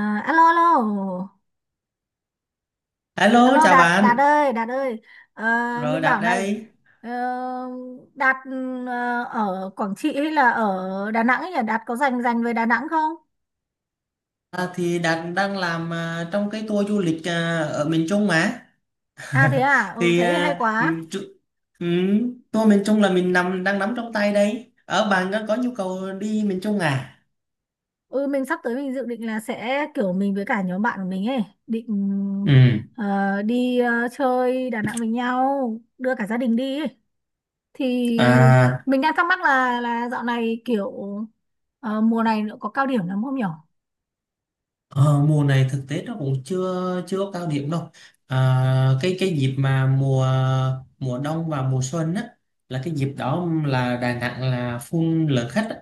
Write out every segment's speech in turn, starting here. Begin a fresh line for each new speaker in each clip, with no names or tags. À, alo alo
Alo,
alo,
chào
Đạt Đạt
bạn.
ơi, Đạt ơi. Ờ,
Rồi
mình
Đạt
bảo này.
đây.
ờ, Đạt, ở Quảng Trị hay là ở Đà Nẵng ấy nhỉ? Đạt có rành rành về Đà Nẵng không?
Thì Đạt đang làm trong cái tour du lịch ở miền Trung mà.
Thế à,
Thì
thế thì hay quá.
tour miền Trung là mình nằm đang nắm trong tay đây. Ở bạn có nhu cầu đi miền Trung à?
Ừ mình sắp tới, mình dự định là sẽ kiểu mình với cả nhóm bạn của mình ấy định
Ừ.
ờ, đi chơi Đà Nẵng với nhau, đưa cả gia đình đi ấy. Thì
À,
mình đang thắc mắc là dạo này kiểu mùa này nữa có cao điểm lắm không nhỉ?
Ờ, mùa này thực tế nó cũng chưa chưa có cao điểm đâu. à, cái dịp mà mùa mùa đông và mùa xuân á là cái dịp đó là Đà Nẵng là full lượng khách á.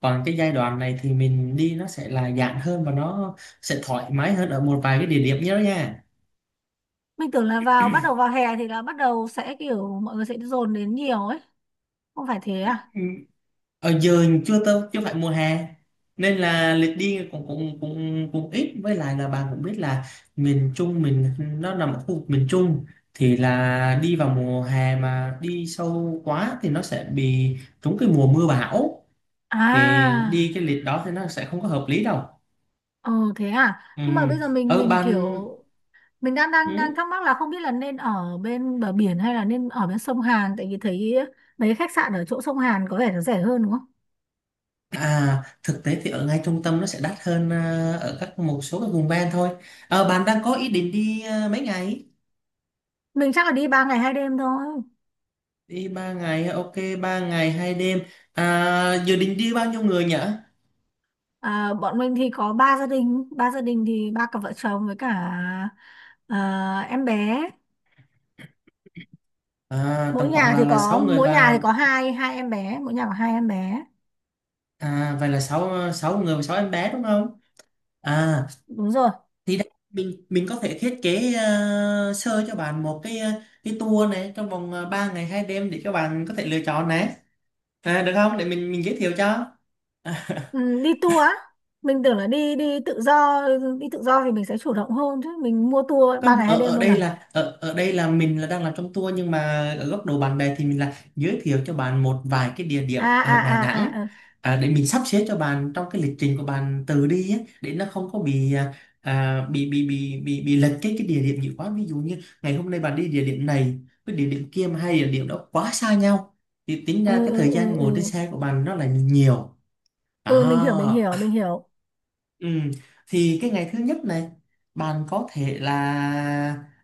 Còn cái giai đoạn này thì mình đi nó sẽ là giãn hơn và nó sẽ thoải mái hơn ở một vài cái địa điểm nhớ nha.
Mình tưởng là bắt đầu vào hè thì là bắt đầu sẽ kiểu mọi người sẽ dồn đến nhiều ấy, không phải thế à?
Ừ, ở giờ chưa tới, chưa phải mùa hè nên là lịch đi cũng cũng cũng cũng ít, với lại là bà cũng biết là miền Trung mình nó nằm ở khu vực miền Trung, thì là đi vào mùa hè mà đi sâu quá thì nó sẽ bị trúng cái mùa mưa bão, thì đi
à
cái lịch đó thì nó sẽ không có hợp lý đâu.
ờ Thế à,
Ừ,
nhưng mà bây giờ mình
ở
mình kiểu
ban
mình đang đang
ừ.
đang thắc mắc là không biết là nên ở bên bờ biển hay là nên ở bên sông Hàn, tại vì thấy mấy khách sạn ở chỗ sông Hàn có vẻ nó rẻ hơn đúng không?
Thực tế thì ở ngay trung tâm nó sẽ đắt hơn, ở các một số các vùng ven thôi. Bạn đang có ý định đi mấy ngày?
Mình chắc là đi 3 ngày 2 đêm thôi.
Đi ba ngày, ok, ba ngày hai đêm. À, dự định đi bao nhiêu người nhỉ?
À, bọn mình thì có ba gia đình, thì ba cặp vợ chồng với cả ờ, em bé.
À,
mỗi
tầm khoảng
nhà thì
là
có
sáu người
mỗi nhà
và
thì có hai hai em bé, mỗi nhà có hai em bé.
à, vậy là sáu sáu người và sáu em bé đúng không? À,
Đúng rồi.
thì đây, mình có thể thiết kế sơ cho bạn một cái cái tour này trong vòng ba ngày hai đêm để cho bạn có thể lựa chọn này. À, được không? Để mình giới thiệu cho.
Ừ, đi tour á. Mình tưởng là đi đi tự do thì mình sẽ chủ động hơn chứ. Mình mua tour ba ngày
Không,
hai
ở
đêm
ở
luôn
đây
à?
là ở ở đây là mình là đang làm trong tour, nhưng mà ở góc độ bạn bè thì mình là giới thiệu cho bạn một vài cái địa điểm
À
ở
à
Đà
à
Nẵng,
à, à.
để mình sắp xếp cho bạn trong cái lịch trình của bạn từ đi á, để nó không có bị bị lệch cái địa điểm nhiều quá. Ví dụ như ngày hôm nay bạn đi địa điểm này với địa điểm kia mà hai địa điểm đó quá xa nhau thì tính
Ừ
ra cái
ừ
thời gian
ừ
ngồi trên
ừ.
xe của bạn nó là nhiều
Ừ, mình hiểu, mình
đó.
hiểu, mình hiểu.
Ừ, thì cái ngày thứ nhất này bạn có thể là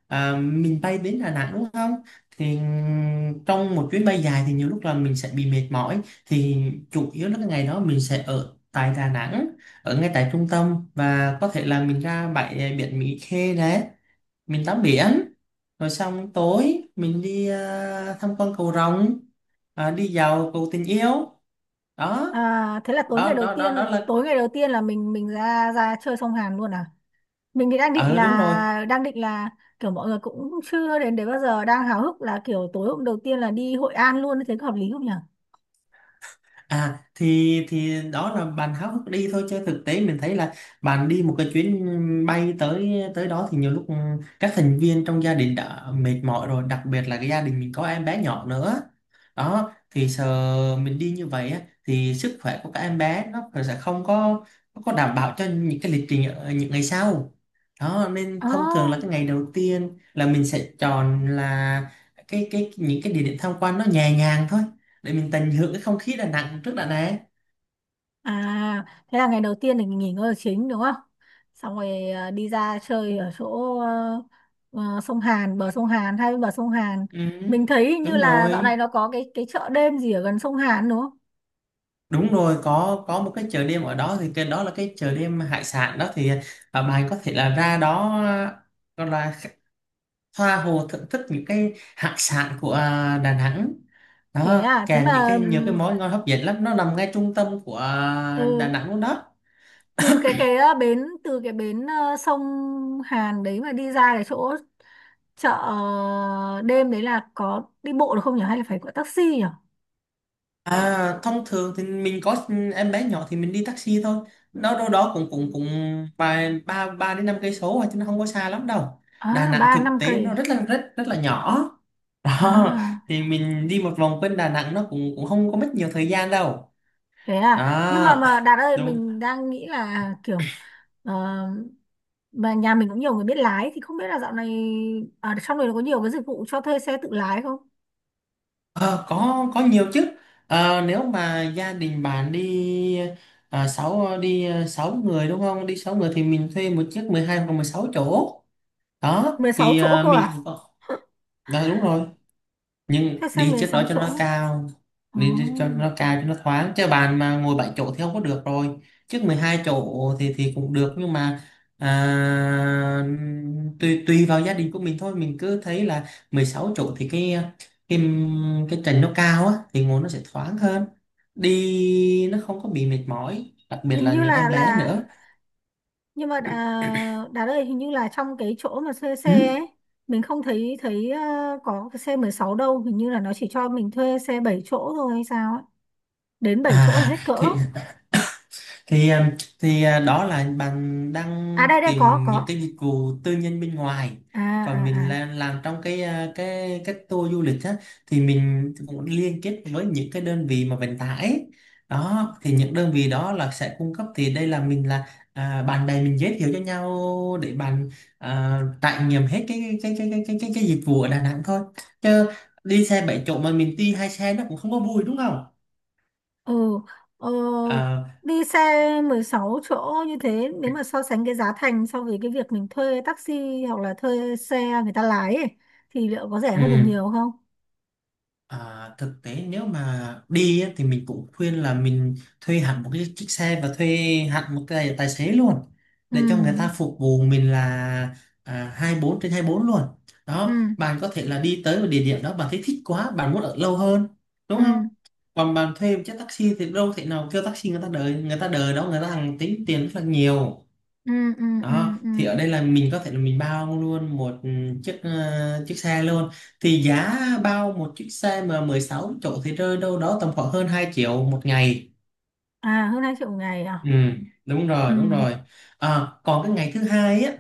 mình bay đến Đà Nẵng đúng không? Thì trong một chuyến bay dài thì nhiều lúc là mình sẽ bị mệt mỏi, thì chủ yếu là cái ngày đó mình sẽ ở tại Đà Nẵng, ở ngay tại trung tâm, và có thể là mình ra bãi biển Mỹ Khê đấy, mình tắm biển, rồi xong tối mình đi tham quan cầu Rồng, đi dạo cầu tình yêu. đó
À, thế là tối ngày
đó
đầu
đó
tiên,
đó đó là
tối ngày đầu tiên là mình ra ra chơi sông Hàn luôn à? Mình thì đang định
ờ đúng rồi.
là kiểu mọi người cũng chưa đến đấy bao giờ, đang háo hức là kiểu tối hôm đầu tiên là đi Hội An luôn, thế có hợp lý không nhỉ?
À thì đó là bạn háo hức đi thôi, chứ thực tế mình thấy là bạn đi một chuyến bay tới tới đó thì nhiều lúc các thành viên trong gia đình đã mệt mỏi rồi, đặc biệt là cái gia đình mình có em bé nhỏ nữa. Đó thì sợ mình đi như vậy á, thì sức khỏe của các em bé nó sẽ không có có đảm bảo cho những cái lịch trình ở những ngày sau đó, nên
Ồ.
thông thường là cái ngày đầu tiên là mình sẽ chọn là cái những cái địa điểm tham quan nó nhẹ nhàng thôi, để mình tận hưởng cái không khí Đà Nẵng trước đã Nẵng.
À, thế là ngày đầu tiên thì nghỉ ngơi chính đúng không? Xong rồi đi ra chơi ở chỗ sông Hàn, bờ sông Hàn, hai bên bờ sông Hàn.
Ừ,
Mình thấy hình như
đúng
là dạo này
rồi,
nó có cái chợ đêm gì ở gần sông Hàn đúng không?
đúng rồi, có một cái chợ đêm ở đó, thì cái đó là cái chợ đêm hải sản đó, thì bạn có thể là ra đó gọi là tha hồ thưởng thức những cái hải sản của Đà Nẵng
Thế
đó,
à, thế
kèm những
mà
nhiều cái món ngon hấp dẫn lắm. Nó nằm ngay trung tâm của Đà
ừ,
Nẵng luôn đó.
từ cái bến, từ cái bến sông Hàn đấy mà đi ra cái chỗ chợ đêm đấy là có đi bộ được không nhỉ, hay là phải gọi taxi nhỉ?
À, thông thường thì mình có em bé nhỏ thì mình đi taxi thôi. Nó đâu đó cũng cũng cũng vài ba ba đến năm cây số chứ nó không có xa lắm đâu. Đà
À,
Nẵng
ba
thực
năm
tế
cây.
nó rất là rất rất là nhỏ. Đó,
À.
thì mình đi một vòng quanh Đà Nẵng nó cũng cũng không có mất nhiều thời gian đâu.
Thế à, nhưng mà
Đó.
Đạt ơi,
Đúng.
mình đang nghĩ là kiểu ờ, mà nhà mình cũng nhiều người biết lái thì không biết là dạo này ở trong này nó có nhiều cái dịch vụ cho thuê xe tự lái không?
Ờ, có nhiều chứ. Ờ, nếu mà gia đình bạn đi sáu người đúng không? Đi sáu người thì mình thuê một chiếc 12 hoặc 16 chỗ. Đó
mười sáu
thì
chỗ cơ
mình
à?
cũng có- đó đúng rồi,
Thuê
nhưng
xe
đi
mười
chiếc đó
sáu
cho nó
chỗ
cao.
Ồ.
Đi, đi cho nó cao cho nó thoáng, chứ bàn mà ngồi 7 chỗ thì không có được rồi. Chiếc 12 chỗ thì cũng được, nhưng mà à, tùy tùy vào gia đình của mình thôi. Mình cứ thấy là 16 chỗ thì cái cái trần nó cao á, thì ngồi nó sẽ thoáng hơn, đi nó không có bị mệt mỏi, đặc biệt
hình
là
như
những em bé
là
nữa.
nhưng mà Đạt ơi, hình như là trong cái chỗ mà thuê xe
Ừ.
ấy, mình không thấy thấy có cái xe 16 đâu, hình như là nó chỉ cho mình thuê xe 7 chỗ thôi hay sao ấy, đến 7 chỗ là
à
hết cỡ.
thì um, thì đó là bạn đang
Đây đây có
tìm những
có.
cái dịch vụ tư nhân bên ngoài,
À,
còn
à.
mình
À
là làm trong cái cái tour du lịch á, thì mình cũng liên kết với những cái đơn vị mà vận tải, đó thì những đơn vị đó là sẽ cung cấp. Thì đây là mình là bạn bè mình giới thiệu cho nhau để bạn trải nghiệm hết cái dịch vụ ở Đà Nẵng thôi, chứ đi xe 7 chỗ mà mình đi hai xe nó cũng không có vui đúng không.
Ừ, ờ,
À,
đi xe 16 chỗ như thế, nếu mà so sánh cái giá thành so với cái việc mình thuê taxi hoặc là thuê xe người ta lái ấy, thì liệu có rẻ hơn được
ừ.
nhiều không?
À, thực tế nếu mà đi á, thì mình cũng khuyên là mình thuê hẳn một cái chiếc xe và thuê hẳn một cái tài xế luôn,
Ừ,
để cho người ta phục vụ mình là 24/24 luôn.
ừ,
Đó, bạn có thể là đi tới một địa điểm đó bạn thấy thích quá bạn muốn ở lâu hơn đúng không,
ừ,
còn bạn thuê một chiếc taxi thì đâu thể nào kêu taxi người ta đợi, người ta đợi đó người ta hàng tính tiền rất là nhiều.
ừ, ừ, ừ,
Đó
ừ.
thì ở đây là mình có thể là mình bao luôn một chiếc xe luôn. Thì giá bao một chiếc xe mà 16 chỗ thì rơi đâu đó tầm khoảng hơn 2 triệu một ngày.
À, hơn 2 triệu một ngày à?
Ừ đúng
Ừ.
rồi, đúng rồi. À, còn cái ngày thứ hai á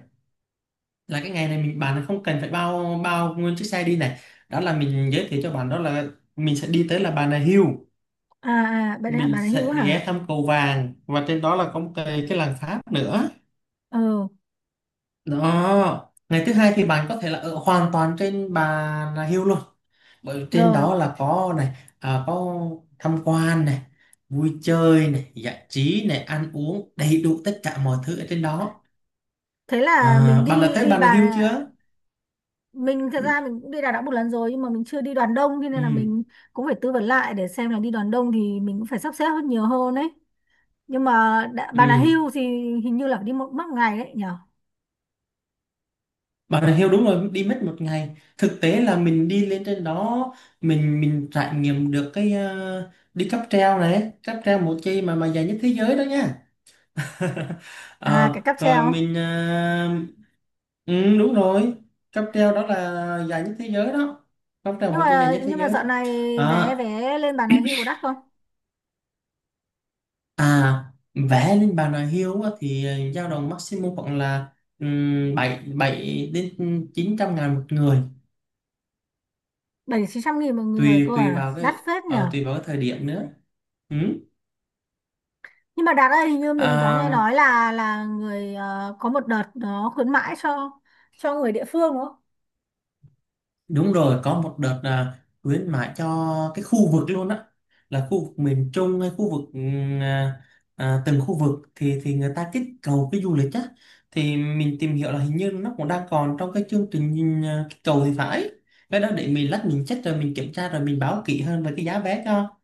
là cái ngày này bạn không cần phải bao bao nguyên chiếc xe đi này. Đó là mình giới thiệu cho bạn, đó là mình sẽ đi tới là Bà Nà Hills,
À, à,
mình
bạn ấy hữu
sẽ ghé
hả?
thăm cầu vàng và trên đó là có một cái làng Pháp nữa.
Ừ,
Đó, ngày thứ hai thì bạn có thể là ở hoàn toàn trên Bà Nà Hills luôn. Bởi trên
rồi.
đó là có này, có tham quan này, vui chơi này, giải trí này, ăn uống, đầy đủ tất cả mọi thứ ở trên đó.
Thế là mình
À, bạn đã
đi
tới
đi
Bà Nà
Bà...
Hills chưa?
Mình thật ra mình cũng đi Đà Nẵng một lần rồi, nhưng mà mình chưa đi đoàn đông thế nên là
Ừ,
mình cũng phải tư vấn lại để xem là đi đoàn đông thì mình cũng phải sắp xếp hơn nhiều hơn đấy, nhưng mà đã, Bà Nà
ừ.
Hills thì hình như là phải đi một mất một ngày đấy nhở?
Bà Nà Hills đúng rồi, đi mất một ngày. Thực tế là mình đi lên trên đó, mình trải nghiệm được cái đi cáp treo này, cáp treo một chi mà dài nhất thế giới đó nha. Ờ,
Cái cáp
rồi
treo.
mình ừ, đúng rồi, cáp treo đó là dài nhất thế giới đó, cáp treo
nhưng
một chiếc dài
mà
nhất thế
nhưng mà
giới đó.
dạo này vé
Ờ,
vé lên Bà Nà Hills có đắt không?
à vẽ lên bàn đà hiếu á, thì dao động maximum khoảng là 7 7 đến 900.000 một người,
700.000-900.000 một người
tùy
cơ
tùy
à,
vào
đắt
cái
phết nhở?
tùy vào cái thời điểm nữa. Ừ.
Nhưng mà Đạt ơi, hình như mình có
À,
nghe nói là người có một đợt nó khuyến mãi cho người địa phương đúng không?
Đúng rồi, có một đợt là khuyến mãi cho cái khu vực luôn á, là khu vực miền Trung hay khu vực từng khu vực thì người ta kích cầu cái du lịch á, thì mình tìm hiểu là hình như nó cũng đang còn trong cái chương trình kích cầu thì phải. Cái đó để mình lát mình check rồi mình kiểm tra rồi mình báo kỹ hơn về cái giá vé cho.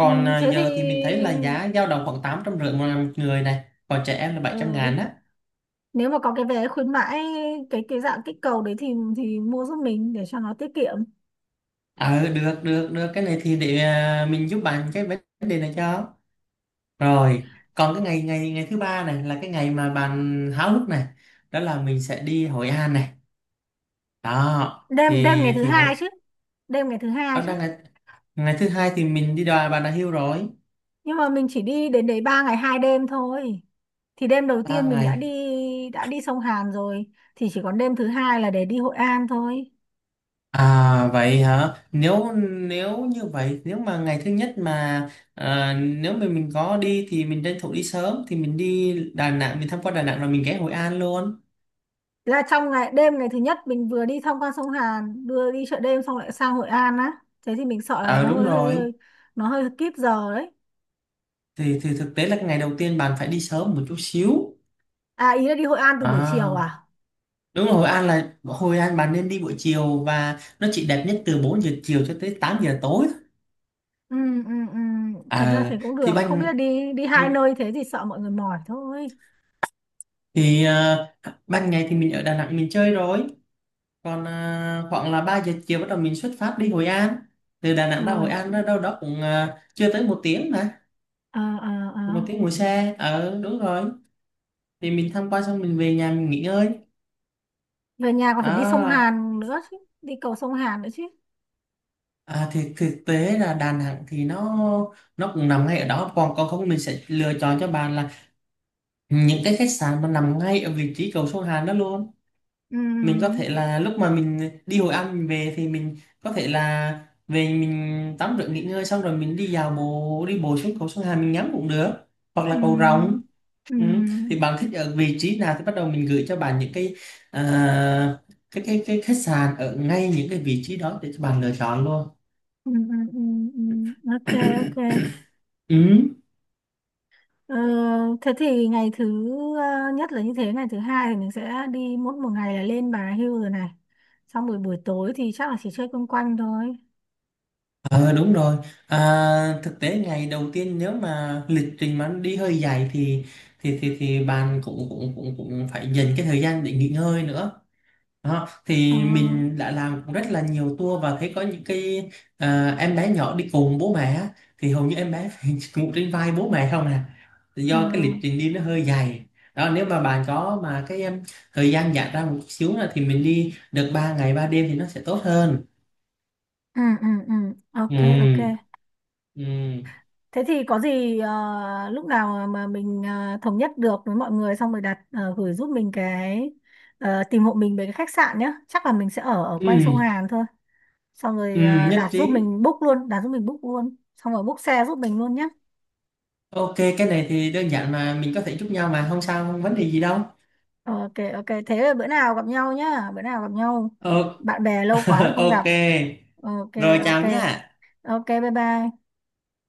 Ừ, thế thì,
giờ thì mình thấy là giá dao động khoảng 850.000 một một người này, còn trẻ em là bảy trăm
ừ,
ngàn á.
nếu mà có cái vé khuyến mãi, cái dạng kích cầu đấy thì mua giúp mình để cho nó tiết kiệm.
Ờ được, được, được, cái này thì để mình giúp bạn cái vấn đề này cho. Rồi, còn cái ngày ngày ngày thứ ba này là cái ngày mà bạn háo hức này, đó là mình sẽ đi Hội An này. Đó,
Đêm đêm ngày thứ
thì Hội
hai chứ, đêm ngày thứ hai
ở
chứ.
đang ngày, ngày thứ hai thì mình đi đò Bà Nà Hills rồi,
Nhưng mà mình chỉ đi đến đấy 3 ngày 2 đêm thôi, thì đêm đầu
ba
tiên mình đã đi
ngày.
đã đi sông Hàn rồi, thì chỉ còn đêm thứ hai là để đi Hội An thôi.
À vậy hả? Nếu Nếu như vậy, nếu mà ngày thứ nhất mà nếu mà mình có đi thì mình tranh thủ đi sớm, thì mình đi Đà Nẵng, mình tham quan Đà Nẵng rồi mình ghé Hội An luôn.
Là trong ngày đêm ngày thứ nhất mình vừa đi tham quan sông Hàn vừa đi chợ đêm xong lại sang Hội An á, thế thì mình sợ là nó
Ờ đúng
hơi hơi
rồi.
hơi nó hơi kíp giờ đấy.
Thì thực tế là cái ngày đầu tiên bạn phải đi sớm một chút xíu.
À, ý là đi Hội An từ buổi chiều
À
à?
Đúng rồi, Hội An là Hội An bạn nên đi buổi chiều, và nó chỉ đẹp nhất từ 4 giờ chiều cho tới 8 giờ tối thôi.
Ừ, ừ, ừ. Thật ra
À
thì cũng
thì
được, không biết là
ban
đi đi hai
ừ,
nơi thế thì sợ mọi người mỏi thôi.
thì ờ, ban ngày thì mình ở Đà Nẵng mình chơi rồi, còn khoảng là 3 giờ chiều bắt đầu mình xuất phát đi Hội An. Từ Đà Nẵng ra Hội
Rồi.
An đó đâu đó cũng chưa tới một tiếng mà,
Ờ, ờ, ờ.
một tiếng ngồi xe. Ờ đúng rồi. Thì mình tham quan xong mình về nhà mình nghỉ ngơi.
Về nhà còn phải đi sông
Đó.
Hàn nữa chứ, đi cầu sông Hàn nữa chứ.
À, thì thực tế là Đà Nẵng thì nó cũng nằm ngay ở đó. Còn còn không mình sẽ lựa chọn cho bạn là những cái khách sạn mà nằm ngay ở vị trí cầu sông Hàn đó luôn.
Ừ,
Mình có thể là lúc mà mình đi Hội An mình về thì mình có thể là về mình tắm rửa nghỉ ngơi xong rồi mình đi dạo bộ đi bộ xuống cầu sông Hàn mình ngắm cũng được, hoặc
ừ,
là cầu Rồng.
ừ,
Ừ, thì bạn thích ở vị trí nào thì bắt đầu mình gửi cho bạn những cái à, cái khách sạn ở ngay những cái vị trí đó để cho bạn lựa chọn luôn.
ừ, ừ, ừ, ừ. Ok. Ok.
Ừ.
Ờ, thế thì ngày thứ nhất là như thế, ngày thứ hai thì mình sẽ đi mỗi một ngày là lên Bà Hill rồi này, xong buổi buổi tối thì chắc là chỉ chơi quanh quanh thôi.
Ờ đúng rồi, thực tế ngày đầu tiên nếu mà lịch trình mà đi hơi dài thì bạn cũng cũng cũng cũng phải dành cái thời gian để nghỉ ngơi nữa đó.
Ờ,
Thì mình đã làm cũng rất là nhiều tour và thấy có những cái em bé nhỏ đi cùng bố mẹ á, thì hầu như em bé phải ngủ trên vai bố mẹ không à,
ờ.
do cái lịch trình đi nó hơi dài đó. Nếu mà bạn có mà thời gian giãn ra một chút xíu là thì mình đi được 3 ngày 3 đêm thì nó sẽ tốt hơn.
Ừ, ừ, ừ. Ok, ok.
Ừ ừ
Thế thì có gì lúc nào mà mình thống nhất được với mọi người xong rồi đặt gửi giúp mình cái tìm hộ mình về cái khách sạn nhé. Chắc là mình sẽ ở ở quanh sông
ừ
Hàn thôi. Xong
Ừ,
rồi
nhất
đặt giúp
trí.
mình book luôn, đặt giúp mình book luôn. Xong rồi book xe giúp mình luôn nhé.
Ok, cái này thì đơn giản mà mình có thể giúp nhau mà không sao, không vấn đề gì đâu.
Ok ok, thế là bữa nào gặp nhau nhá, bữa nào gặp nhau.
Ờ,
Bạn bè lâu quá rồi không gặp.
ok,
Ok
rồi
ok.
chào nhá.
Ok bye bye.